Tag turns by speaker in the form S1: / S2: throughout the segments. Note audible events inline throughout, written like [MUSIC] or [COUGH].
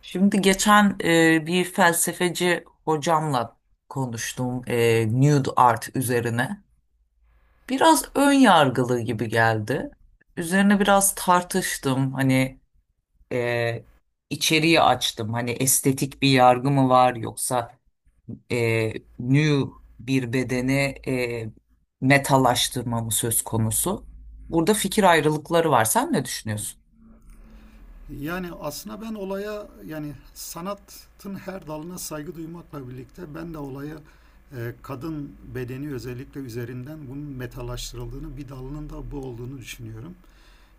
S1: Şimdi geçen bir felsefeci hocamla konuştum nude art üzerine. Biraz ön yargılı gibi geldi. Üzerine biraz tartıştım. Hani e, içeriği açtım. Hani estetik bir yargı mı var yoksa e, nude bir bedeni e, metalaştırma mı söz konusu? Burada fikir ayrılıkları var. Sen ne düşünüyorsun?
S2: Yani aslında ben olaya yani sanatın her dalına saygı duymakla birlikte ben de olaya kadın bedeni özellikle üzerinden bunun metalaştırıldığını bir dalının da bu olduğunu düşünüyorum.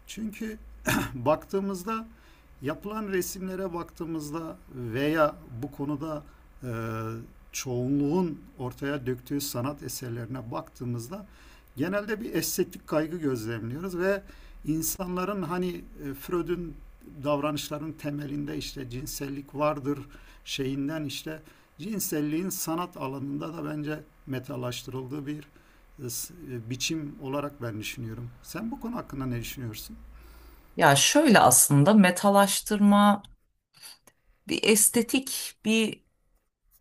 S2: Çünkü [CLEARS THROAT] [LAUGHS] baktığımızda yapılan resimlere baktığımızda veya bu konuda e, çoğunluğun ortaya döktüğü sanat eserlerine baktığımızda genelde bir estetik kaygı gözlemliyoruz ve insanların hani Freud'un davranışların temelinde işte cinsellik vardır şeyinden işte cinselliğin sanat alanında da bence metalaştırıldığı bir e, biçim olarak ben düşünüyorum. Sen bu konu hakkında ne düşünüyorsun?
S1: Ya şöyle, aslında metalaştırma bir estetik bir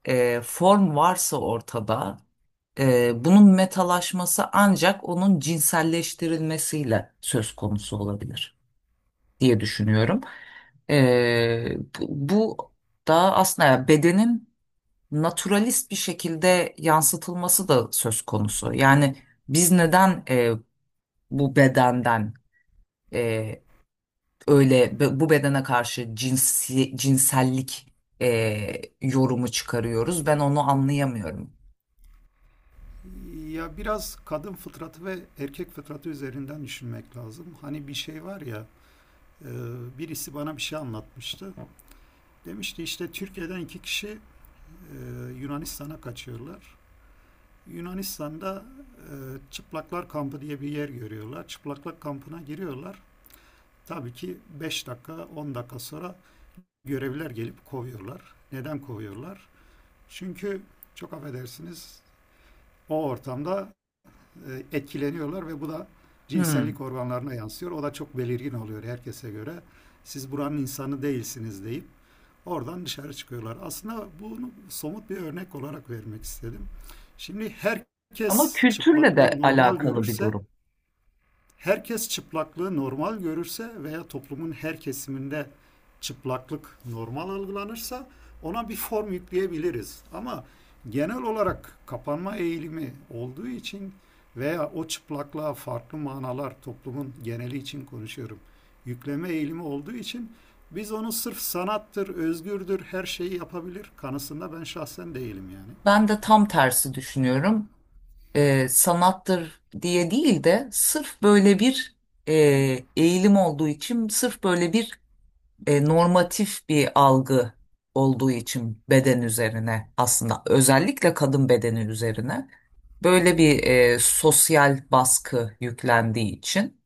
S1: form varsa ortada, bunun metalaşması ancak onun cinselleştirilmesiyle söz konusu olabilir diye düşünüyorum. Bu da aslında ya bedenin naturalist bir şekilde yansıtılması da söz konusu. Yani biz neden bu bedenden e, bu bedene karşı cinsellik e, yorumu çıkarıyoruz? Ben onu anlayamıyorum.
S2: Ya biraz kadın fıtratı ve erkek fıtratı üzerinden düşünmek lazım. Hani bir şey var ya, e, birisi bana bir şey anlatmıştı. Demişti işte Türkiye'den iki kişi e, Yunanistan'a kaçıyorlar. Yunanistan'da e, Çıplaklar Kampı diye bir yer görüyorlar. Çıplaklar Kampı'na giriyorlar. Tabii ki 5 dakika, 10 dakika sonra görevliler gelip kovuyorlar. Neden kovuyorlar? Çünkü çok affedersiniz o ortamda etkileniyorlar ve bu da
S1: Hmm.
S2: cinsellik organlarına yansıyor. O da çok belirgin oluyor herkese göre. Siz buranın insanı değilsiniz deyip oradan dışarı çıkıyorlar. Aslında bunu somut bir örnek olarak vermek istedim. Şimdi
S1: Ama kültürle de alakalı bir durum.
S2: herkes çıplaklığı normal görürse veya toplumun her kesiminde çıplaklık normal algılanırsa ona bir form yükleyebiliriz. Ama genel olarak kapanma eğilimi olduğu için veya o çıplaklığa farklı manalar toplumun geneli için konuşuyorum. Yükleme eğilimi olduğu için biz onu sırf sanattır, özgürdür, her şeyi yapabilir kanısında ben şahsen değilim yani.
S1: Ben de tam tersi düşünüyorum. Sanattır diye değil de sırf böyle bir e, eğilim olduğu için, sırf böyle bir normatif bir algı olduğu için beden üzerine, aslında özellikle kadın bedeni üzerine böyle bir sosyal baskı yüklendiği için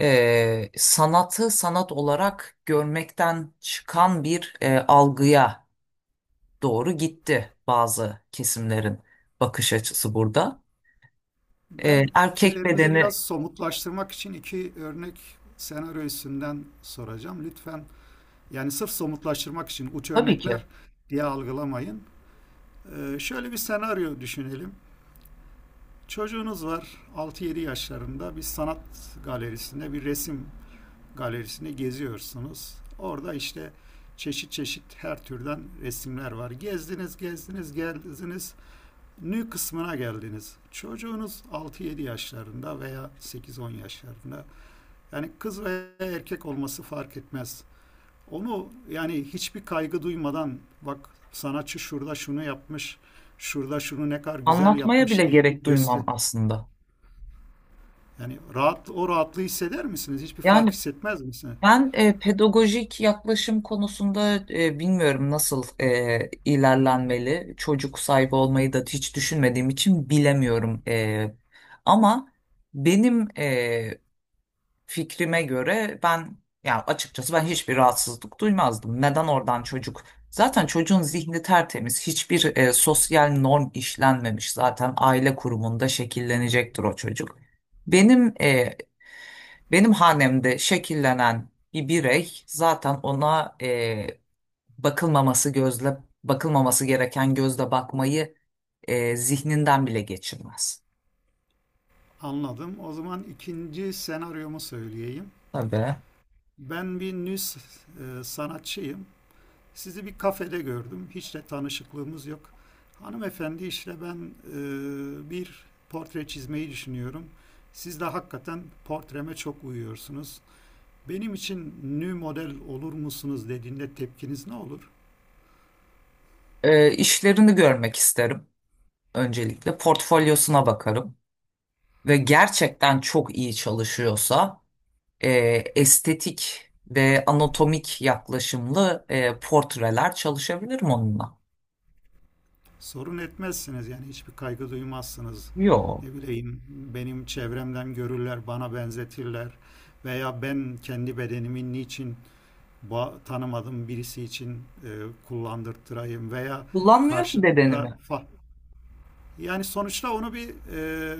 S1: sanatı sanat olarak görmekten çıkan bir algıya doğru gitti bazı kesimlerin bakış açısı burada.
S2: Ben
S1: Erkek
S2: fikirlerimizi biraz
S1: bedeni
S2: somutlaştırmak için iki örnek senaryo üstünden soracağım. Lütfen yani sırf somutlaştırmak için uç
S1: tabii ki,
S2: örnekler diye algılamayın. Şöyle bir senaryo düşünelim. Çocuğunuz var altı yedi yaşlarında bir sanat galerisinde bir resim galerisinde geziyorsunuz. Orada işte çeşit çeşit her türden resimler var. Gezdiniz, gezdiniz, gezdiniz nü kısmına geldiniz. Çocuğunuz altı yedi yaşlarında veya sekiz on yaşlarında. Yani kız veya erkek olması fark etmez. Onu yani hiçbir kaygı duymadan bak sanatçı şurada şunu yapmış, şurada şunu ne kadar güzel
S1: anlatmaya bile
S2: yapmış
S1: gerek
S2: deyip göster.
S1: duymam aslında.
S2: Yani rahat o rahatlığı hisseder misiniz? Hiçbir fark
S1: Yani
S2: hissetmez misiniz?
S1: ben pedagojik yaklaşım konusunda bilmiyorum nasıl ilerlenmeli. Çocuk sahibi olmayı da hiç düşünmediğim için bilemiyorum. E, ama benim fikrime göre ben, yani açıkçası ben hiçbir rahatsızlık duymazdım. Neden oradan çocuk? Zaten çocuğun zihni tertemiz. Hiçbir sosyal norm işlenmemiş. Zaten aile kurumunda şekillenecektir o çocuk. Benim e, Benim hanemde şekillenen bir birey zaten ona bakılmaması gözle bakılmaması gereken gözle bakmayı zihninden bile geçirmez.
S2: Anladım. O zaman ikinci senaryomu söyleyeyim.
S1: Tabii.
S2: Ben bir nü sanatçıyım. Sizi bir kafede gördüm. Hiç de tanışıklığımız yok. Hanımefendi işte ben bir portre çizmeyi düşünüyorum. Siz de hakikaten portreme çok uyuyorsunuz. Benim için nü model olur musunuz dediğinde tepkiniz ne olur?
S1: İşlerini görmek isterim. Öncelikle portfolyosuna bakarım ve gerçekten çok iyi çalışıyorsa e, estetik ve anatomik yaklaşımlı portreler çalışabilir mi onunla.
S2: Sorun etmezsiniz yani hiçbir kaygı duymazsınız.
S1: Yo,
S2: Ne bileyim benim çevremden görürler, bana benzetirler veya ben kendi bedenimin niçin tanımadığım birisi için e, kullandırtırayım veya
S1: kullanmıyor ki
S2: karşıda
S1: bedenimi.
S2: yani sonuçta onu bir e,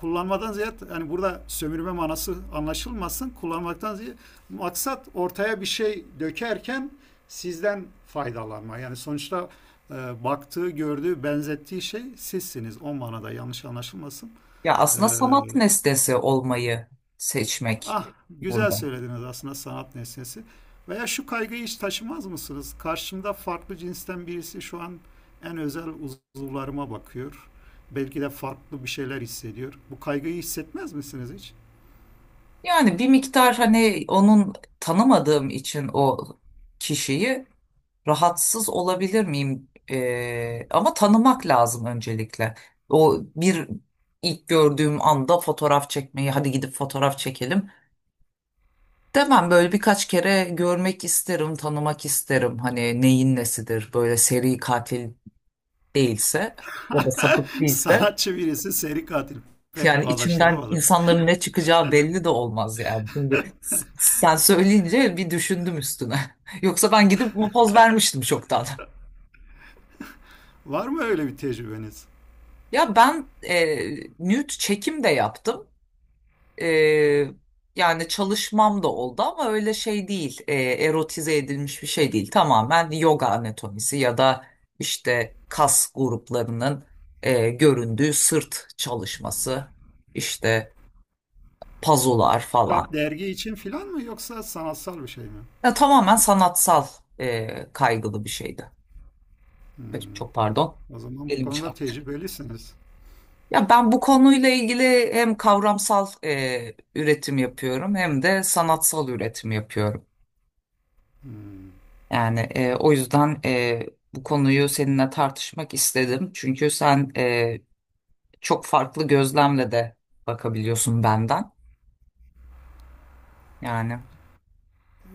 S2: kullanmadan ziyade yani burada sömürme manası anlaşılmasın kullanmaktan ziyade maksat ortaya bir şey dökerken sizden faydalanma yani sonuçta baktığı gördüğü benzettiği şey sizsiniz o manada yanlış anlaşılmasın.
S1: Ya
S2: E,
S1: aslında sanat nesnesi olmayı seçmek
S2: Ah güzel
S1: burada.
S2: söylediniz aslında sanat nesnesi. Veya şu kaygıyı hiç taşımaz mısınız? Karşımda farklı cinsten birisi şu an en özel uzuvlarıma bakıyor. Belki de farklı bir şeyler hissediyor. Bu kaygıyı hissetmez misiniz hiç?
S1: Yani bir miktar, hani onun, tanımadığım için o kişiyi, rahatsız olabilir miyim? Ama tanımak lazım öncelikle. O bir ilk gördüğüm anda fotoğraf çekmeyi, hadi gidip fotoğraf çekelim demem. Böyle birkaç kere görmek isterim, tanımak isterim. Hani neyin nesidir? Böyle seri katil değilse ya da sapık
S2: [LAUGHS]
S1: değilse.
S2: Sanatçı birisi seri katil. Pek
S1: Yani içimden
S2: bağdaştıramadım.
S1: insanların ne çıkacağı belli de olmaz yani. Şimdi sen söyleyince bir düşündüm üstüne. [LAUGHS] Yoksa ben gidip bu poz vermiştim çoktan.
S2: Var mı öyle bir tecrübeniz?
S1: Ya ben nude çekim de yaptım. E, yani çalışmam da oldu ama öyle şey değil. E, erotize edilmiş bir şey değil. Tamamen yoga anatomisi ya da işte kas gruplarının göründüğü sırt çalışması, işte pazular
S2: Kitap,
S1: falan.
S2: dergi için filan mı yoksa sanatsal bir şey mi?
S1: Ya tamamen sanatsal kaygılı bir şeydi. Ay, çok pardon.
S2: O zaman bu
S1: Elim
S2: konuda
S1: çarptı.
S2: tecrübelisiniz.
S1: Ya ben bu konuyla ilgili hem kavramsal üretim yapıyorum, hem de sanatsal üretim yapıyorum. Yani o yüzden bu konuyu seninle tartışmak istedim. Çünkü sen çok farklı gözlemle de bakabiliyorsun benden. Yani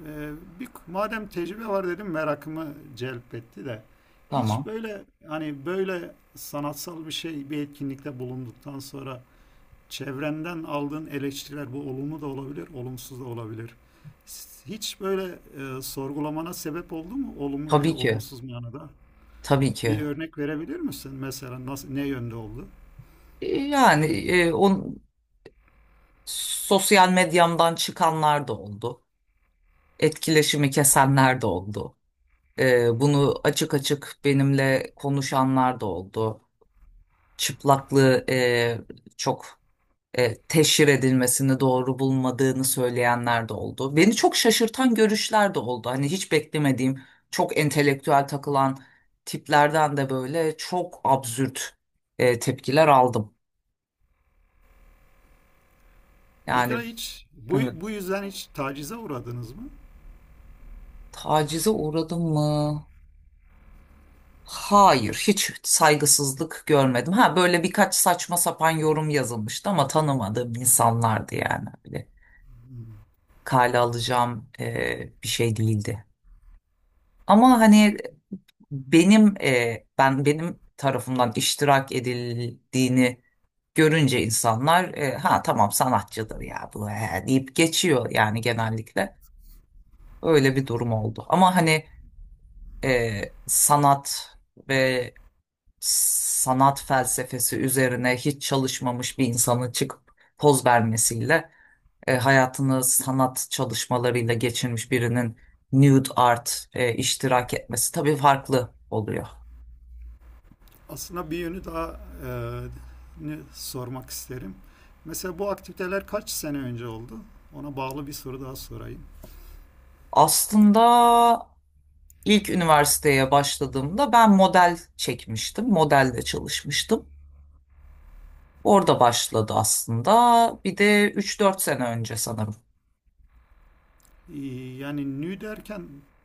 S2: Ee, Bir, madem tecrübe var dedim merakımı celp etti de hiç
S1: tamam.
S2: böyle hani böyle sanatsal bir şey bir etkinlikte bulunduktan sonra çevrenden aldığın eleştiriler bu olumlu da olabilir olumsuz da olabilir. Hiç böyle sorgulamana sebep oldu mu olumlu veya
S1: Tabii ki.
S2: olumsuz manada?
S1: Tabii
S2: Bir
S1: ki.
S2: örnek verebilir misin mesela nasıl ne yönde oldu?
S1: Yani sosyal medyamdan çıkanlar da oldu. Etkileşimi kesenler de oldu. E, bunu açık açık benimle konuşanlar da oldu. Çıplaklığı çok teşhir edilmesini doğru bulmadığını söyleyenler de oldu. Beni çok şaşırtan görüşler de oldu. Hani hiç beklemediğim, çok entelektüel takılan tiplerden de böyle çok absürt tepkiler aldım. Yani
S2: Pekala hiç bu
S1: evet,
S2: yüzden hiç tacize uğradınız mı?
S1: tacize uğradım mı? Hayır, hiç saygısızlık görmedim. Ha, böyle birkaç saçma sapan yorum yazılmıştı ama tanımadığım insanlardı yani. Böyle kale alacağım bir şey değildi. Ama hani benim e, ben benim tarafımdan iştirak edildiğini görünce insanlar, ha tamam sanatçıdır ya bu he, deyip geçiyor yani genellikle. Öyle bir durum oldu. Ama hani sanat ve sanat felsefesi üzerine hiç çalışmamış bir insanın çıkıp poz vermesiyle hayatını sanat çalışmalarıyla geçirmiş birinin nude art iştirak etmesi tabii farklı oluyor.
S2: Aslında bir yönü daha e, sormak isterim. Mesela bu aktiviteler kaç sene önce oldu? Ona bağlı bir soru daha sorayım.
S1: Aslında ilk üniversiteye başladığımda ben model çekmiştim. Modelle çalışmıştım. Orada başladı aslında. Bir de 3 4 sene önce sanırım.
S2: Ee, Yani nü derken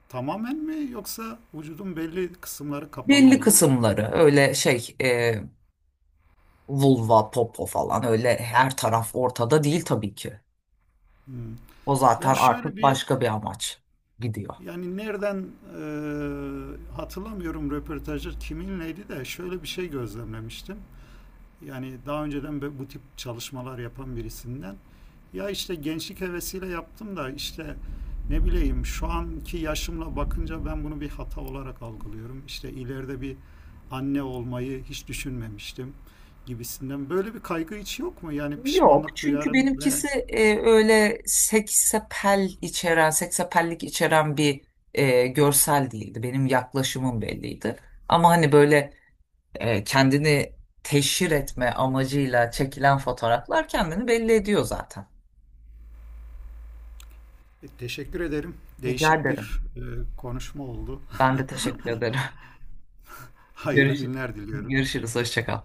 S2: tamamen mi yoksa vücudun belli kısımları kapalı
S1: Belli
S2: mı?
S1: kısımları, öyle şey vulva, popo falan öyle her taraf ortada değil tabii ki.
S2: Hmm.
S1: O
S2: Ben
S1: zaten
S2: şöyle
S1: artık
S2: bir
S1: başka bir amaç gidiyor.
S2: yani nereden hatırlamıyorum röportajı kiminleydi de şöyle bir şey gözlemlemiştim. Yani daha önceden bu tip çalışmalar yapan birisinden ya işte gençlik hevesiyle yaptım da işte ne bileyim şu anki yaşımla bakınca ben bunu bir hata olarak algılıyorum. İşte ileride bir anne olmayı hiç düşünmemiştim gibisinden. Böyle bir kaygı hiç yok mu? Yani
S1: Yok,
S2: pişmanlık
S1: çünkü
S2: duyarım ve
S1: benimkisi öyle seksapel içeren, seksapellik içeren bir görsel değildi. Benim yaklaşımım belliydi. Ama hani böyle kendini teşhir etme amacıyla çekilen fotoğraflar kendini belli ediyor zaten.
S2: teşekkür ederim.
S1: Rica
S2: Değişik
S1: ederim.
S2: bir konuşma oldu.
S1: Ben de teşekkür ederim.
S2: [LAUGHS]
S1: [LAUGHS]
S2: Hayırlı
S1: Görüş
S2: günler diliyorum.
S1: Görüşürüz. Hoşça kal.